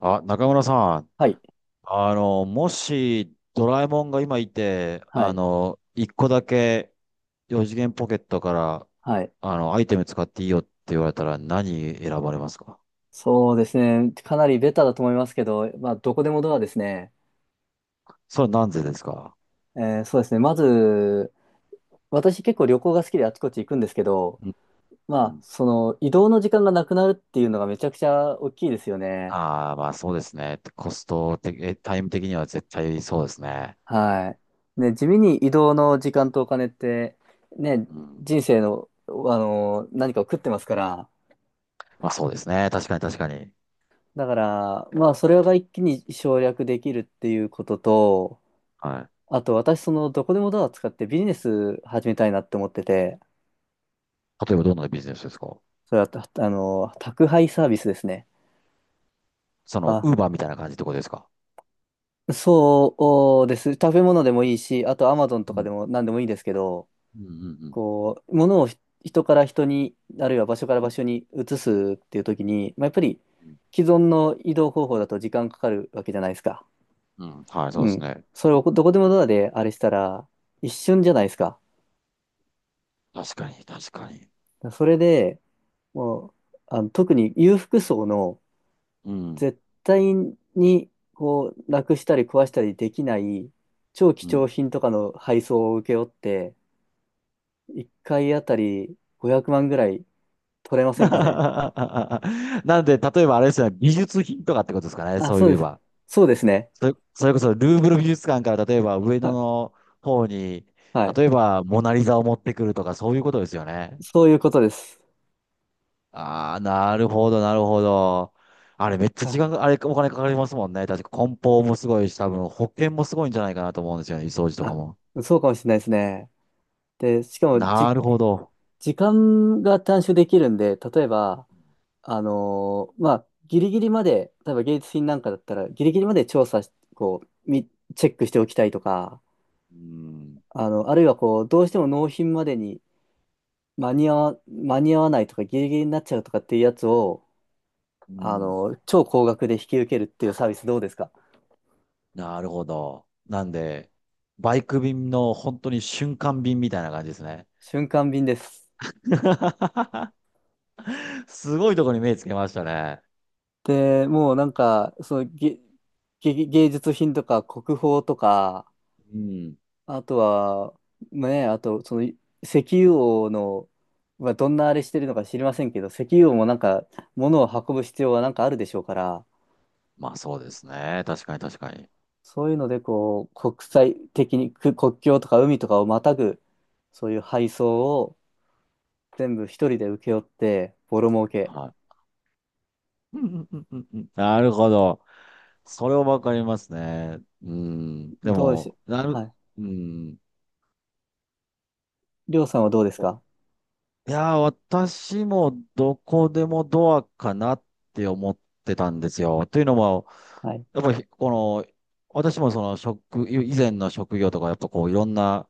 あ、中村さん、はい。もしドラえもんが今いて、はい。一個だけ四次元ポケットから、はい。アイテム使っていいよって言われたら何選ばれますか？そうですね。かなりベタだと思いますけど、まあ、どこでもドアですね。それは何故でですか？そうですね。まず、私結構旅行が好きであちこち行くんですけど、うんまうあ、ん。その移動の時間がなくなるっていうのがめちゃくちゃ大きいですよね。ああ、まあそうですね。コスト的、えタイム的には絶対そうですね。はい。ね、地味に移動の時間とお金って、ね、うん。人生の、何かを食ってますから。まあそうですね。確かに確かに。だから、まあ、それが一気に省略できるっていうことと、はあと私、どこでもドア使ってビジネス始めたいなって思ってて、い。例えばどんなビジネスですか？それは、たあの、宅配サービスですね。その、あ、ウーバーみたいな感じってことですか？そうです。食べ物でもいいし、あとアマゾンうとかでん。も何でもいいんですけど、うんうんうん。こう、物を人から人に、あるいは場所から場所に移すっていう時に、まあ、やっぱり既存の移動方法だと時間かかるわけじゃないですか。うん、うんはい、そううですん。ね。それをどこでもドアであれしたら、一瞬じゃないですか。確かに、確かに。それで、もう、特に裕福層の、うん、絶対にこうなくしたり壊したりできない超貴う重ん。品とかの配送を請け負って、1回あたり500万ぐらい取れま せんかね。なんで、例えばあれですよね、美術品とかってことですかね、あ、そそうういでえす。ば。そうですね。それこそルーブル美術館から例えば上野は、の方に、はい。例えばモナリザを持ってくるとかそういうことですよね。そういうことです。ああ、なるほど、なるほど。あれめっちゃ時あ、間が、あれお金かかりますもんね。確か梱包もすごいし、多分保険もすごいんじゃないかなと思うんですよね、掃除とかあ、も。そうかもしれないですね。で、しかもなるほど。時間が短縮できるんで、例えば、まあ、ギリギリまで、例えば芸術品なんかだったら、ギリギリまで調査し、こう、チェックしておきたいとか、うん。あるいはこう、どうしても納品までに間に合わないとかギリギリになっちゃうとかっていうやつを、うん超高額で引き受けるっていうサービスどうですか？なるほど。なんで、バイク便の本当に瞬間便みたいな感じですね。瞬間便です。すごいところに目つけましたね。で、もうなんか、そのげ、げ芸術品とか国宝とか、うん。あとは、ね、あと、その、石油王の、まあどんなあれしてるのか知りませんけど、石油王もなんか、物を運ぶ必要はなんかあるでしょうから、まあそうですね。確かに確かに。そういうので、こう、国際的に、国境とか海とかをまたぐ、そういう配送を全部一人で請け負って、ボロ儲け。はい。うんうんうんうんうんなるほど。それはわかりますね。うん。でどうでしょも、なう、る、はい。うん。りょうさんはどうですか？いやー、私もどこでもドアかなって思ってたんですよ。というのも、はい。やっぱりこの、私もその職、以前の職業とか、やっぱこういろんな、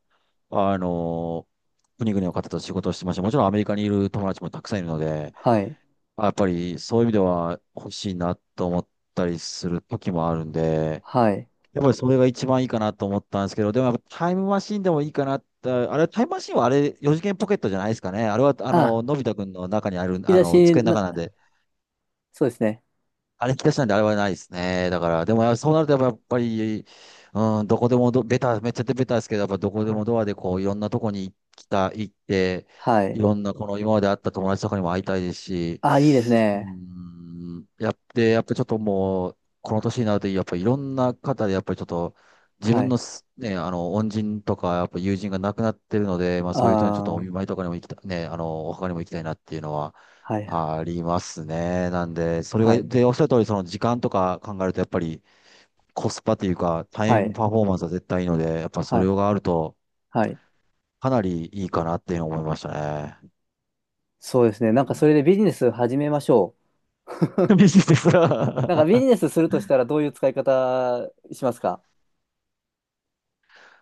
あのー国々の方と仕事をしてました。もちろんアメリカにいる友達もたくさんいるので、はい。あやっぱりそういう意味では欲しいなと思ったりする時もあるんで、はい。やっぱりそれが一番いいかなと思ったんですけど、でもやっぱタイムマシンでもいいかなって、あれ、タイムマシンはあれ、四次元ポケットじゃないですかね。あれは、あ、のび太くんの中にあ引る、き出し机の中な、なんで、そうですね。あれ引き出しなんであれはないですね。だから、でもそうなるとやっぱり、うん、どこでもど、ベタ、めっちゃベタですけど、やっぱどこではもい。ドアでこう、いろんなとこに来た、行って、はいい。ろんなこの今まで会った友達とかにも会いたいですし、あ、いいですうね。ん、やって、やっぱちょっともう、この年になると、やっぱりいろんな方で、やっぱりちょっと、自は分のい。す、ね、恩人とか、やっぱ友人が亡くなってるので、まあそういう人にちょっとおあ見舞あいとかにも行きた、ね、お墓にも行きたいなっていうのは、はい。ありますね。なんで、それはが、い。で、おっしゃる通り、その時間とか考えると、やっぱりコスパというか、タはイムい。パフォーマンスは絶対いいので、やっぱそはれい。があると、はい。かなりいいかなっていうのを思いましたね。そうですね。なんうかん。それでビジネス始めましょう。ビ ジネスなんはかビジネスするとしたらどういう使い方しますか？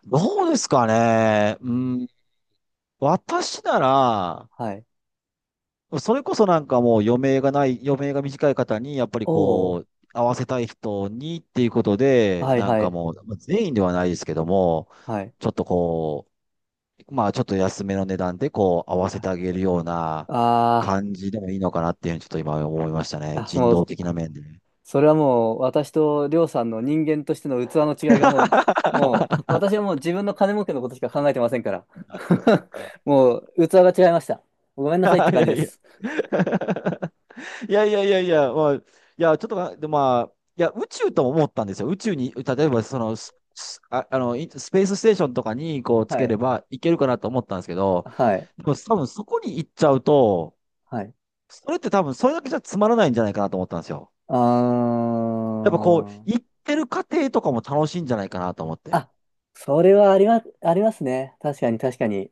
どうですかね。うん。私なら、はい。それこそなんかもう余命がない、余命が短い方に、やっぱりおお、こう、合わせたい人にっていうことで、はいなんはかい、もう、全員ではないですけども、はい。ちょっとこう、まあ、ちょっと安めの値段で、こう、合わせてあげるようなあ感じでもいいのかなっていうふうに、ちょっと今思いましたね。あー、あ、人も道う、的な面で それはもう、私とりょうさんの人間としての器の違いがもう、私はもう自分の金儲けのことしか考えてませんから。もう、器が違いました。ごめんなさいって感じです。いやいやいやいやいやいや、まあ、いや、ちょっとな、で、まあ、いや、宇宙とも思ったんですよ。宇宙に、例えば、その、ススあ、いスペースステーションとかに、こう、つはけい、ればいけるかなと思ったんですけど、はい、でも、多分そこに行っちゃうと、はい。それって多分それだけじゃつまらないんじゃないかなと思ったんですよ。あやっぱこう、行ー、ってる過程とかも楽しいんじゃないかなと思って。あ、それはありますね。確かに、確かに。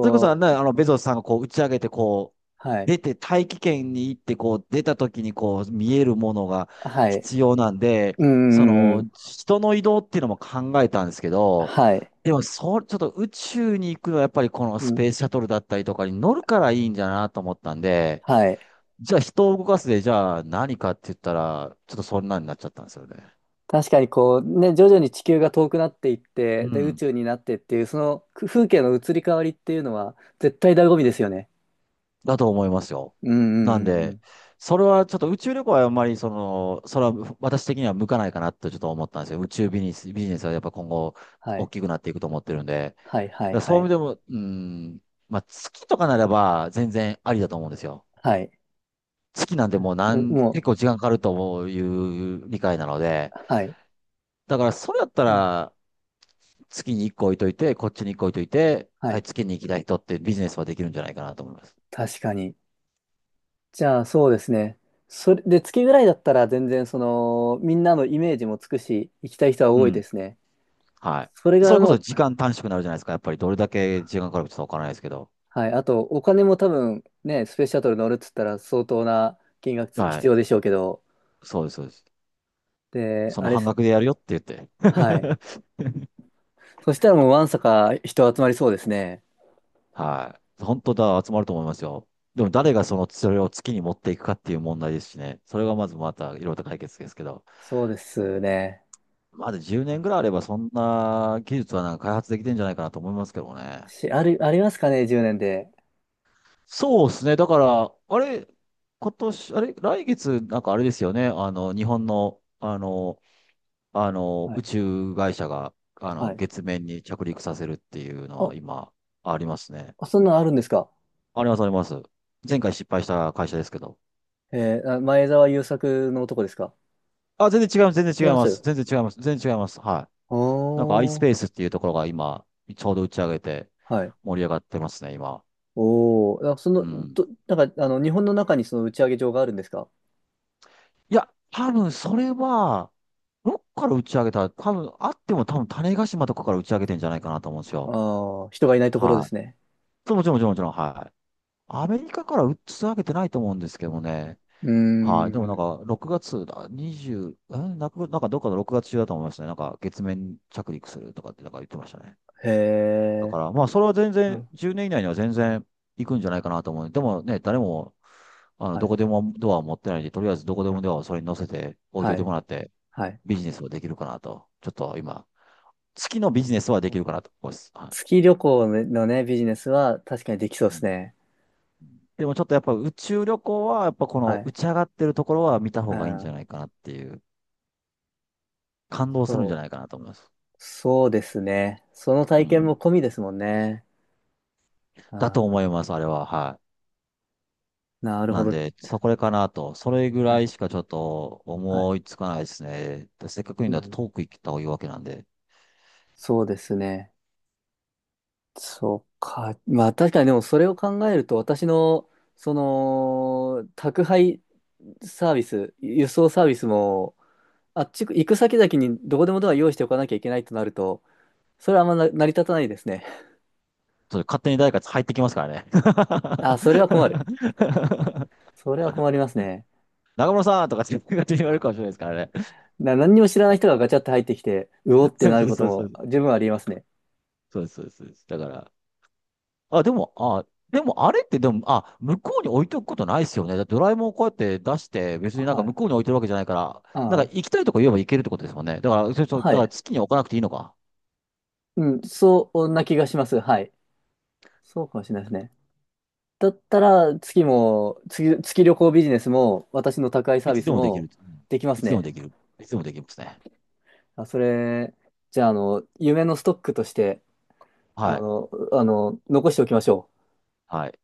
それこそね、う、ベゾスさんがこう打ち上げて、こう、はい、出て、大気圏に行って、こう、出た時にこう、見えるものがはい。必要なんで、うん、そうん、うの、ん。人の移動っていうのも考えたんですけど、はい、でも、そう、ちょっと宇宙に行くのはやっぱりこのうスん、ペースシャトルだったりとかに乗るからいいんじゃなと思ったんで、はい。じゃあ人を動かすで、じゃあ何かって言ったら、ちょっとそんなになっちゃったんですよね。確かにこうね、徐々に地球が遠くなっていって、うで、宇ん。宙になってっていう、その風景の移り変わりっていうのは、絶対醍醐味ですよね。だと思いますよ。うんうなんんうんうで、ん。それはちょっと宇宙旅行はあんまりその、それは私的には向かないかなとちょっと思ったんですよ。宇宙ビジネス、ビジネスはやっぱ今後は大い。きくなっていくと思ってるんで。だかはいはいらそはういう意い。味でも、うん、まあ月とかならば全然ありだと思うんですよ。はい。月なんてもうなうんん結も構時間かかるという理解なので。う、はい。だからそれだったうん、ら月に一個置いといて、こっちに一個置いといて、ははい、い。月に行きたい人ってビジネスはできるんじゃないかなと思います。確かに。じゃあそうですね。それで、月ぐらいだったら全然その、みんなのイメージもつくし、行きたい人はう多いでん。すね。はそれい。そがれこもそう、時間短縮になるじゃないですか。やっぱりどれだけ時間かかるかちょっとわからないですけど。はい。あと、お金も多分ね、スペースシャトル乗るっつったら相当な金額は必い。要でしょうけど、そうです。で、そあのれっ半す、額でやるよって言って。はい。そしたらもうわんさか人集まりそうですね。はい。本当だ、集まると思いますよ。でも誰がその、それを月に持っていくかっていう問題ですしね。それがまずまたいろいろと解決ですけど。そうですね。まだ10年ぐらいあればそんな技術はなんか開発できてんじゃないかなと思いますけどね。し、ある、ありますかね、10年で。そうですね。だから、あれ、今年、あれ、来月、なんかあれですよね。日本の、は宇い。宙会社が、はい。月面に着陸させるっていうのあ、は今、ありますね。そんなのあるんですか？あります。前回失敗した会社ですけど。あ前澤友作の男ですか？あ、全然違います、全違い然違いますます。よ。全然違います、全然違います。はい。なんか おー。iSpace っていうところが今、ちょうど打ち上げてはい。盛り上がってますね、今。おー。うん。なんか、日本の中にその打ち上げ場があるんですか？いや、多分それは、どっから打ち上げた、多分あっても多分種子島とかから打ち上げてんじゃないかなと思うんですああよ。ー、人がいないところではい。すね。そうもちろん、はい。アメリカから打ち上げてないと思うんですけどもね。うーはい。でもなんん。か、6月だ、20、え、なく、なんかどっかの6月中だと思いましたね。なんか、月面着陸するとかってなんか言ってましたね。へだえ。から、まあ、それは全う然、ん10年以内には全然行くんじゃないかなと思う。でもね、誰も、はどこい。でもドアを持ってないんで、とりあえずどこでもドアをそれに乗せて置いといはてい。もらって、はい。ビジネスはできるかなと。ちょっと今、月のビジネスはできるかなと思います。は月旅行のね、ビジネスは確かにできそうい。うですんね。でもちょっとやっぱ宇宙旅行は、やっぱこはのい。打ち上がってるところは見たう方がいいんじゃんないかなっていう、感動するんじゃそう。ないかなと思います。そうですね。その体う験もん込みですもんね。あだと思いん、ます、あれは。はい。なるほなんど。で、そこれかなと。それぐはらい。いしかちょっとはい。思いつかないですね。でせっかく言ううんだとん。トーク行った方がいいわけなんで。そうですね。そうか。まあ確かにでもそれを考えると私の、その、宅配サービス、輸送サービスも、あっち行く先々にどこでもドア用意しておかなきゃいけないとなると、それはあんまな成り立たないですね。それ勝手に誰か入ってきますからね。あ、それは困る。それは困りますね。中村さんとかって勝手に言われるかもしれないですからね。何にも知らない人がガチャって入ってきて、うおっ てそうなそるうことそうそもう。十分ありえますね。そうですそうです。そうですだから、あ、でも、あ、でもあれってでも、あ、向こうに置いておくことないですよね。だってドラえもんをこうやって出して、別になんかは向い。こうに置いてるわけじゃないから、なはんかい。行きたいとこ言えば行けるってことですもんね。だから、そうそう、だはからい。月に置かなくていいのか。うん、そんな気がします。はい。そうかもしれないですね。だったら、月も、月、月旅行ビジネスも、私の宅配サいービつでスもできもる。うんできまいすつでもね。できる。いつでもできますね。あ、じゃあ、夢のストックとして、はい。残しておきましょう。はい。